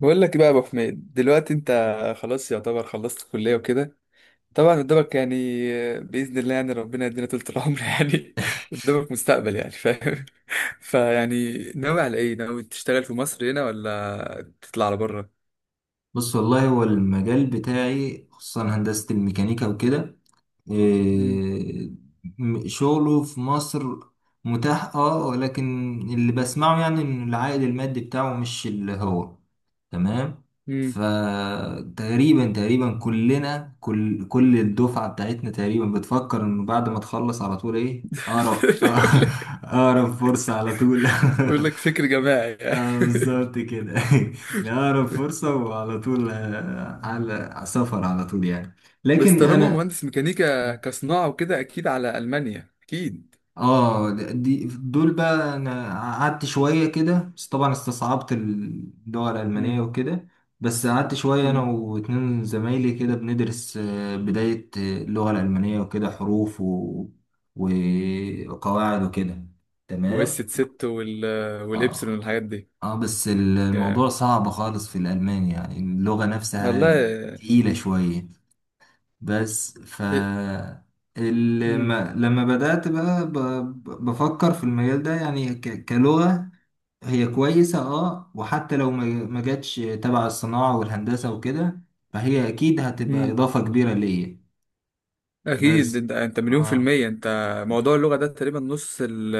بقول لك إيه بقى يا ابو حميد. دلوقتي انت خلاص يعتبر خلصت الكليه وكده. طبعا قدامك يعني باذن الله يعني ربنا يدينا طول العمر يعني. قدامك مستقبل، يعني فاهم؟ فيعني ناوي على ايه؟ ناوي تشتغل في مصر هنا ولا تطلع على بره؟ بص والله هو المجال بتاعي خصوصا هندسة الميكانيكا وكده امم. إيه، شغله في مصر متاح اه، ولكن اللي بسمعه يعني ان العائد المادي بتاعه مش اللي هو تمام. امم. فتقريبا كلنا كل الدفعة بتاعتنا تقريبا بتفكر انه بعد ما تخلص على طول ايه اقرب بقول لك اقرب فرصة على طول بقول لك فكر جماعي يعني. اه بالظبط كده. لأقرب فرصة وعلى طول آه، على سفر على طول يعني. بس لكن طالما أنا مهندس ميكانيكا كصناعه وكده، اكيد على المانيا اكيد. اه دي دول بقى، أنا قعدت شوية كده بس طبعا استصعبت اللغة الألمانية امم. وكده. بس قعدت شوية أنا امم. واتنين زمايلي كده بندرس آه، بداية آه، اللغة الألمانية وكده، حروف وقواعد وكده تمام. واس 6 والابسلون اه، والحاجات دي. اه بس جامد. الموضوع صعب خالص في الألماني يعني اللغة نفسها والله. تقيلة شوية. بس ف مم. لما بدأت بقى بفكر في المجال ده، يعني كلغة هي كويسة، اه، وحتى لو ما جاتش تبع الصناعة والهندسة وكده، فهي أكيد هتبقى مم. إضافة كبيرة ليا. اكيد بس انت مليون في اه المية انت. موضوع اللغة ده تقريبا نص ال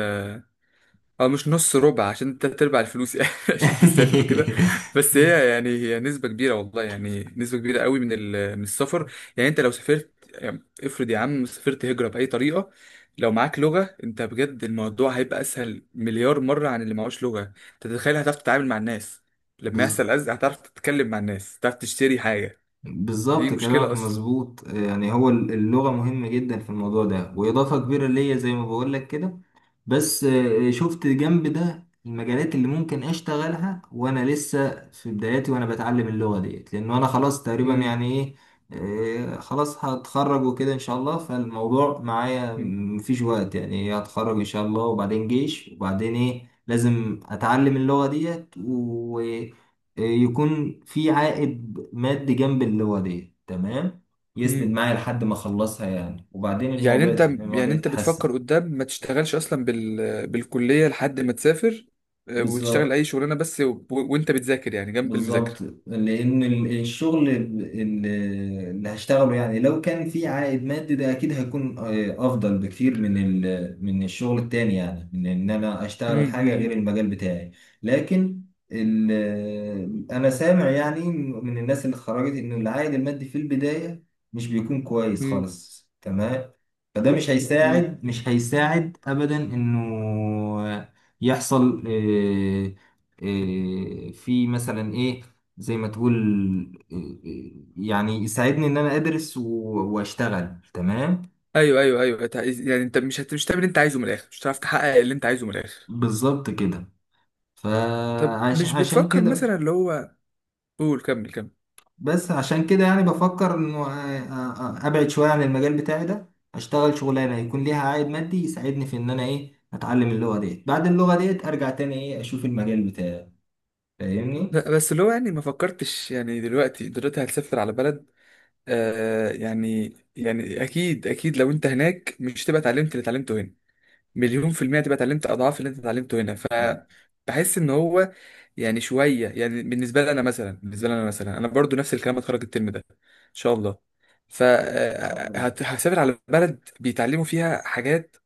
او مش نص، ربع، عشان تلات ارباع الفلوس يعني عشان تسافر وكده. بس هي يعني هي نسبة كبيرة والله، يعني نسبة كبيرة قوي من السفر. يعني انت لو سافرت، يعني افرض يا عم سافرت هجرة بأي طريقة، لو معاك لغة انت بجد الموضوع هيبقى اسهل مليار مرة عن اللي معهوش لغة. انت تتخيل، هتعرف تتعامل مع الناس، لما بز- يحصل أزمة هتعرف تتكلم مع الناس، هتعرف تشتري حاجة. دي بالظبط مشكلة كلامك أصلا. مظبوط يعني، هو اللغة مهمة جدا في الموضوع ده وإضافة كبيرة ليا زي ما بقولك كده. بس آه، شفت جنب ده المجالات اللي ممكن أشتغلها وأنا لسه في بداياتي وأنا بتعلم اللغة ديت، لأنه أنا خلاص تقريبا مم. يعني إيه، آه، خلاص هتخرج وكده إن شاء الله. فالموضوع معايا مفيش وقت، يعني هتخرج إن شاء الله وبعدين جيش وبعدين إيه، لازم أتعلم اللغة ديت. آه، يكون في عائد مادي جنب اللي تمام، يسند مم. معايا لحد ما اخلصها يعني، وبعدين يعني الموضوع انت الموضوع يعني انت يتحسن. بتفكر قدام ما تشتغلش اصلا بالكلية لحد ما تسافر، آه، وتشتغل اي بالظبط، شغلانة بس وانت بتذاكر يعني جنب بالظبط. المذاكرة. لان الشغل اللي هشتغله يعني لو كان في عائد مادي ده اكيد هيكون آه، افضل بكتير من من الشغل التاني يعني، من ان انا مم، اشتغل مم، حاجه مم، غير المجال بتاعي. لكن ال- آه، انا سامع يعني من الناس اللي اتخرجت ان العائد المادي في البدايه مش بيكون كويس مم، خالص، تمام. فده مش مم. هيساعد، مش هيساعد ابدا انه يحصل آه، آه، في مثلا ايه زي ما تقول آه، يعني يساعدني ان انا ادرس واشتغل تمام. ايوه ايوه ايوه. يعني انت مش هتعمل اللي انت عايزه من الاخر، مش هتعرف تحقق اللي انت عايزه من الاخر. بالظبط كده. طب فعشان مش عشان بتفكر كده. مثلا اللي هو... قول كمل كمل. بس عشان كده يعني بفكر انه آه، آه، آه، ابعد شوية عن المجال بتاعي ده، اشتغل شغلانة يكون ليها عائد مادي يساعدني في ان انا ايه، اتعلم اللغة ديت، بعد اللغة ديت ارجع تاني ايه اشوف المجال بتاعي. فاهمني؟ لا، بس اللي هو يعني ما فكرتش، يعني دلوقتي هتسافر على بلد، آه يعني يعني اكيد اكيد لو انت هناك مش تبقى اتعلمت اللي اتعلمته هنا؟ مليون في المية تبقى اتعلمت أضعاف اللي أنت اتعلمته هنا. آه، إن فبحس إن هو يعني شوية يعني. بالنسبة لي أنا مثلا أنا برضو نفس الكلام، هتخرج الترم ده إن شاء الله شاء الله. فهسافر على بلد بيتعلموا فيها حاجات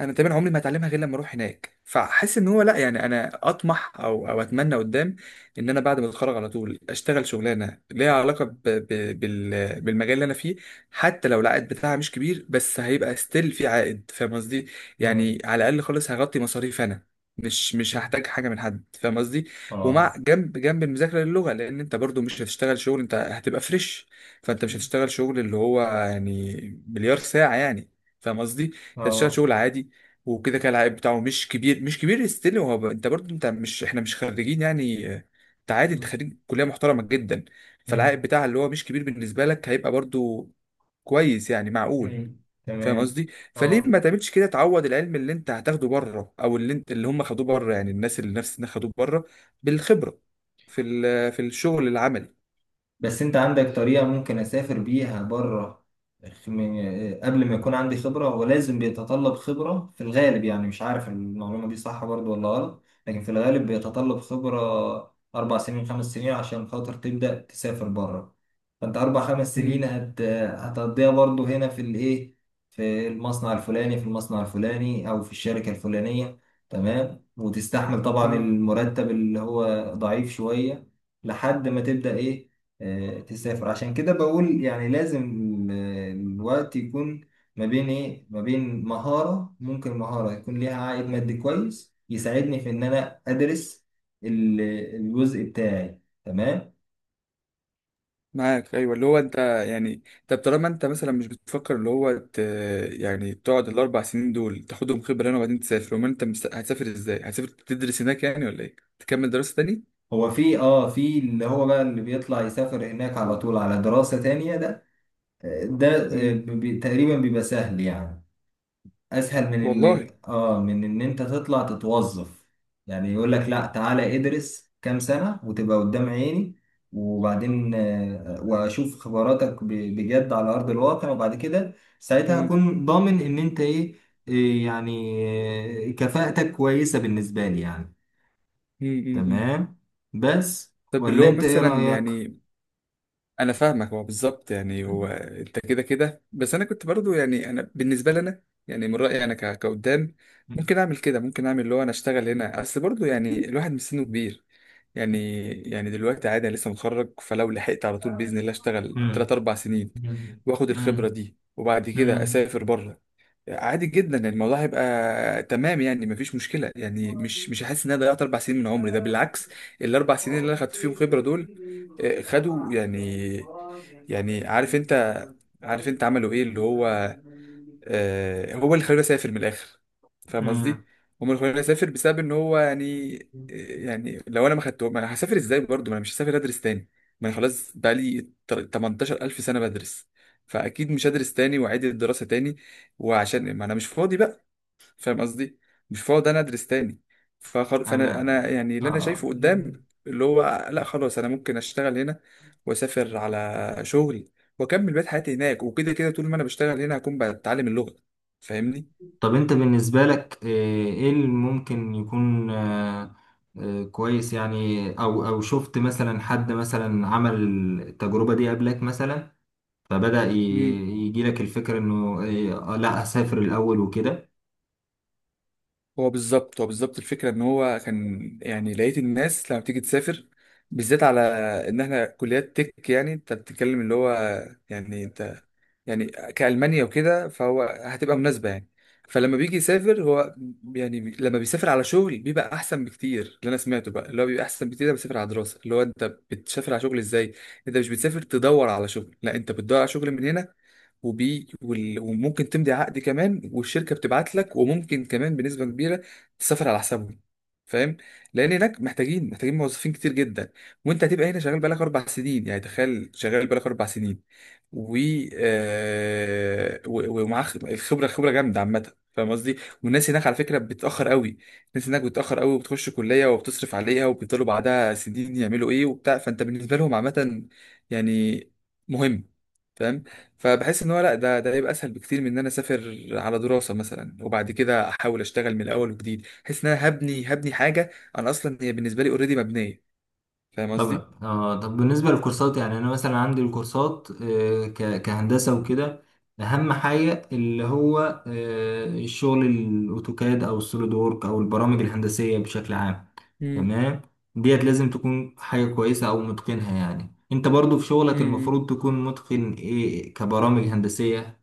أنا تقريبا عمري ما هتعلمها غير لما أروح هناك. فحس إن هو لأ، يعني أنا أطمح أو أتمنى قدام إن أنا بعد ما أتخرج على طول أشتغل شغلانة ليها علاقة بالمجال اللي أنا فيه، حتى لو العائد بتاعها مش كبير، بس هيبقى ستيل في عائد. فاهم قصدي؟ اه، يعني على الاقل خالص هغطي مصاريف انا، مش هحتاج حاجه من حد. فاهم قصدي؟ اه، ومع جنب جنب المذاكره للغه، لان انت برضو مش هتشتغل شغل، انت هتبقى فريش. فانت مش هتشتغل شغل اللي هو يعني مليار ساعه يعني. فاهم قصدي؟ انت هتشتغل اه. شغل عادي، وكده كده العائد بتاعه مش كبير، مش كبير، ستيل هو انت برضو انت مش، احنا مش خريجين يعني آه، انت عادي، انت خريج كليه محترمه جدا. فالعائد مم. بتاعها اللي هو مش كبير بالنسبه لك هيبقى برضو كويس يعني معقول. مم. فاهم تمام. قصدي؟ فليه اه، ما تعملش كده؟ تعوض العلم اللي انت هتاخده بره، او اللي انت اللي هم خدوه بره، يعني الناس اللي نفس الناس خدوه بره، بالخبره في الشغل العملي. بس انت عندك طريقة ممكن اسافر بيها بره قبل ما يكون عندي خبرة؟ ولازم بيتطلب خبرة في الغالب يعني، مش عارف المعلومة دي صح برضو ولا غلط، لكن في الغالب بيتطلب خبرة 4 سنين، 5 سنين عشان خاطر تبدأ تسافر بره. فأنت 4 5 سنين مم. هتقضيها برضو هنا في الإيه، في المصنع الفلاني، في المصنع الفلاني، أو في الشركة الفلانية تمام، وتستحمل طبعا مم. المرتب اللي هو ضعيف شوية لحد ما تبدأ إيه، آه، تسافر. عشان كده بقول يعني لازم ال- الوقت يكون ما بين ايه، ما بين مهارة، ممكن مهارة يكون ليها عائد مادي كويس يساعدني في ان انا ادرس ال- الجزء بتاعي تمام. معاك، ايوه. اللي هو انت يعني طب طالما انت مثلا مش بتفكر اللي هو يعني تقعد الاربع سنين دول تاخدهم خبره هنا وبعدين تسافر، امال انت هتسافر ازاي؟ هتسافر تدرس هناك يعني ولا ايه؟ تكمل دراسه تاني؟ هو في اه في اللي هو بقى اللي بيطلع يسافر هناك على طول على دراسة تانية ده آه، ده آه، مم. تقريبا بيبقى سهل يعني، اسهل من ان والله. اه من ان انت تطلع تتوظف. يعني يقول لك لا تعالى ادرس كام سنة وتبقى قدام عيني، وبعدين آه، واشوف خبراتك بجد على ارض الواقع، وبعد كده ساعتها مم. هكون ضامن ان انت ايه، إيه يعني، آه، كفاءتك كويسة بالنسبة لي يعني. مم. مم. مم. تمام. بس طب اللي ولا هو انت ايه مثلا رأيك؟ يعني انا فاهمك، هو بالظبط يعني هو انت كده كده، بس انا كنت برضو يعني انا بالنسبه لي انا يعني من رايي انا كقدام ممكن اعمل كده، ممكن اعمل اللي هو انا اشتغل هنا، اصل برضو يعني الواحد مش سنه كبير يعني. يعني دلوقتي عادي، انا لسه متخرج، فلو لحقت على طول باذن الله اشتغل 3 مم. 4 سنين مم. واخد الخبره مم. دي وبعد كده مم. اسافر بره، عادي جدا. يعني الموضوع هيبقى تمام يعني، مفيش مشكله، يعني مش هحس ان انا ضيعت اربع سنين من عمري. ده بالعكس، الاربع سنين اللي انا خدت فيهم فكر خبره دول إني آه، خدوا ضيعت، يعني، ضايعا يعني عارف انت، وأستغفر عارف انت عملوا ايه اللي هو، ذنبي. آه هو اللي خلاني اسافر من الاخر. فاهم قصدي؟ امم. هم اللي خلاني اسافر بسبب ان هو يعني آه، يعني لو انا ما خدتهم انا هسافر ازاي برضه؟ ما انا مش هسافر ادرس تاني، ما انا خلاص بقى لي 18000 سنه بدرس. فاكيد مش هدرس تاني واعيد الدراسه تاني، وعشان ما انا مش فاضي بقى. فاهم قصدي؟ مش هقعد انا ادرس تاني. فخل... فانا انا انا يعني اللي انا آه. شايفه قدام اللي هو لا، خلاص، انا ممكن اشتغل هنا واسافر على شغل واكمل بقيت حياتي هناك، وكده كده طول ما انا بشتغل هنا هكون بتعلم اللغة. فاهمني؟ طب انت بالنسبة لك آه، ايه اللي ممكن يكون آه، آه، كويس يعني، او او شفت مثلا حد مثلا عمل التجربة دي قبلك مثلا، فبدأ امم. يجيلك الفكرة انه آه، لا اسافر الاول وكده. هو بالظبط الفكرة ان هو كان يعني لقيت الناس لما بتيجي تسافر، بالذات على ان احنا كليات تك، يعني انت بتتكلم اللي هو يعني انت يعني كألمانيا وكده، فهو هتبقى مناسبة يعني. فلما بيجي يسافر هو يعني لما بيسافر على شغل بيبقى احسن بكتير، اللي انا سمعته بقى اللي هو بيبقى احسن بكتير ده بيسافر على دراسة. اللي هو انت بتسافر على شغل ازاي؟ انت مش بتسافر تدور على شغل، لا، انت بتدور على شغل من هنا، وممكن تمضي عقد كمان والشركه بتبعت لك، وممكن كمان بنسبه كبيره تسافر على حسابهم. فاهم؟ لان هناك محتاجين، محتاجين موظفين كتير جدا، وانت هتبقى هنا شغال بقالك اربع سنين. يعني تخيل شغال بقالك اربع سنين، و ومعاه الخبره، خبره جامده عامه. فاهم قصدي؟ والناس هناك على فكره بتتاخر قوي، الناس هناك بتتاخر قوي، وبتخش كليه وبتصرف عليها وبيفضلوا بعدها سنين يعملوا ايه وبتاع. فانت بالنسبه لهم عامه يعني مهم. فاهم؟ فبحس ان هو لا، ده ده هيبقى اسهل بكتير من ان انا اسافر على دراسه مثلا وبعد كده احاول اشتغل من الاول وجديد. بحس ان انا هبني حاجه، انا اصلا هي بالنسبه لي اوريدي مبنيه. فاهم قصدي؟ طبعا اه. طب بالنسبة للكورسات يعني، أنا مثلا عندي الكورسات آه، كهندسة وكده، أهم حاجة اللي هو آه، الشغل، الأوتوكاد أو السوليد وورك أو البرامج الهندسية بشكل عام امم. تمام. ديت لازم تكون حاجة كويسة أو متقنها يعني، أنت برضو في شغلك امم المفروض تكون متقن إيه، كبرامج هندسية.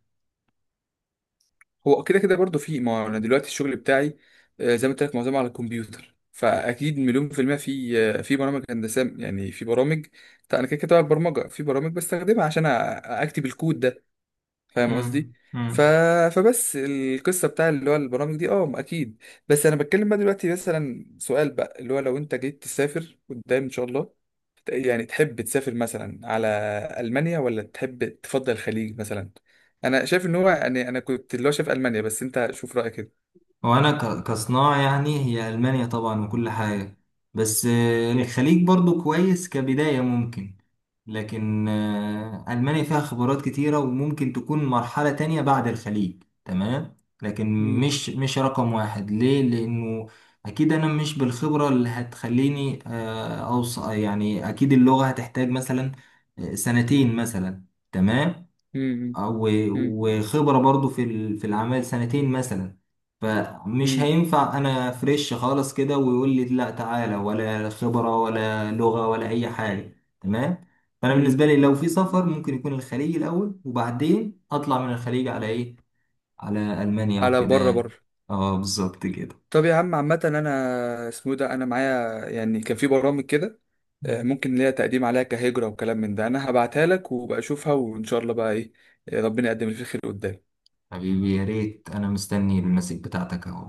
هو كده كده برضه في، ما هو انا دلوقتي الشغل بتاعي آه، زي ما قلت لك معظمه على الكمبيوتر، فاكيد مليون في المية في آه، في برامج هندسة يعني، في برامج. طيب انا كده كده بقى برمجة، في برامج بستخدمها عشان اكتب الكود. فاهم قصدي؟ مم. ف... مم. فبس القصه بتاع اللي هو البرامج دي اه اكيد. بس انا بتكلم بقى دلوقتي مثلا سؤال بقى اللي هو لو انت جيت تسافر قدام ان شاء الله، يعني تحب تسافر مثلا على المانيا، ولا تحب تفضل الخليج مثلا؟ انا شايف ان هو يعني انا كنت اللي هو شايف المانيا، بس انت شوف رايك كده. هو انا كصناعة يعني هي المانيا طبعا وكل حاجة، بس آه، الخليج برضو كويس كبداية ممكن، لكن آه، المانيا فيها خبرات كتيرة وممكن تكون مرحلة تانية بعد الخليج تمام. لكن مم، مش مش رقم واحد ليه، لانه اكيد انا مش بالخبرة اللي هتخليني اوصل يعني، اكيد اللغة هتحتاج مثلا آه، سنتين مثلا تمام، مم، آه، مم، وخبرة برضو في في الأعمال سنتين مثلا. فمش مم، هينفع أنا فريش خالص كده ويقول لي لا تعالى، ولا خبرة ولا لغة ولا أي حاجة تمام. فأنا مم. بالنسبة لي لو في سفر ممكن يكون الخليج الأول، وبعدين أطلع من الخليج على إيه، على ألمانيا على وكده بره، بره. يعني. اه بالظبط كده. طب يا عم عامة أنا اسمه إيه ده، أنا معايا يعني كان في برامج كده آه، مم. ممكن ليا تقديم عليها كهجرة وكلام من ده. أنا هبعتها لك وبقى أشوفها، وإن شاء الله بقى إيه آه، ربنا يقدم اللي فيه خير قدام. حبيبي يا ريت، أنا مستني المسج بتاعتك أهو.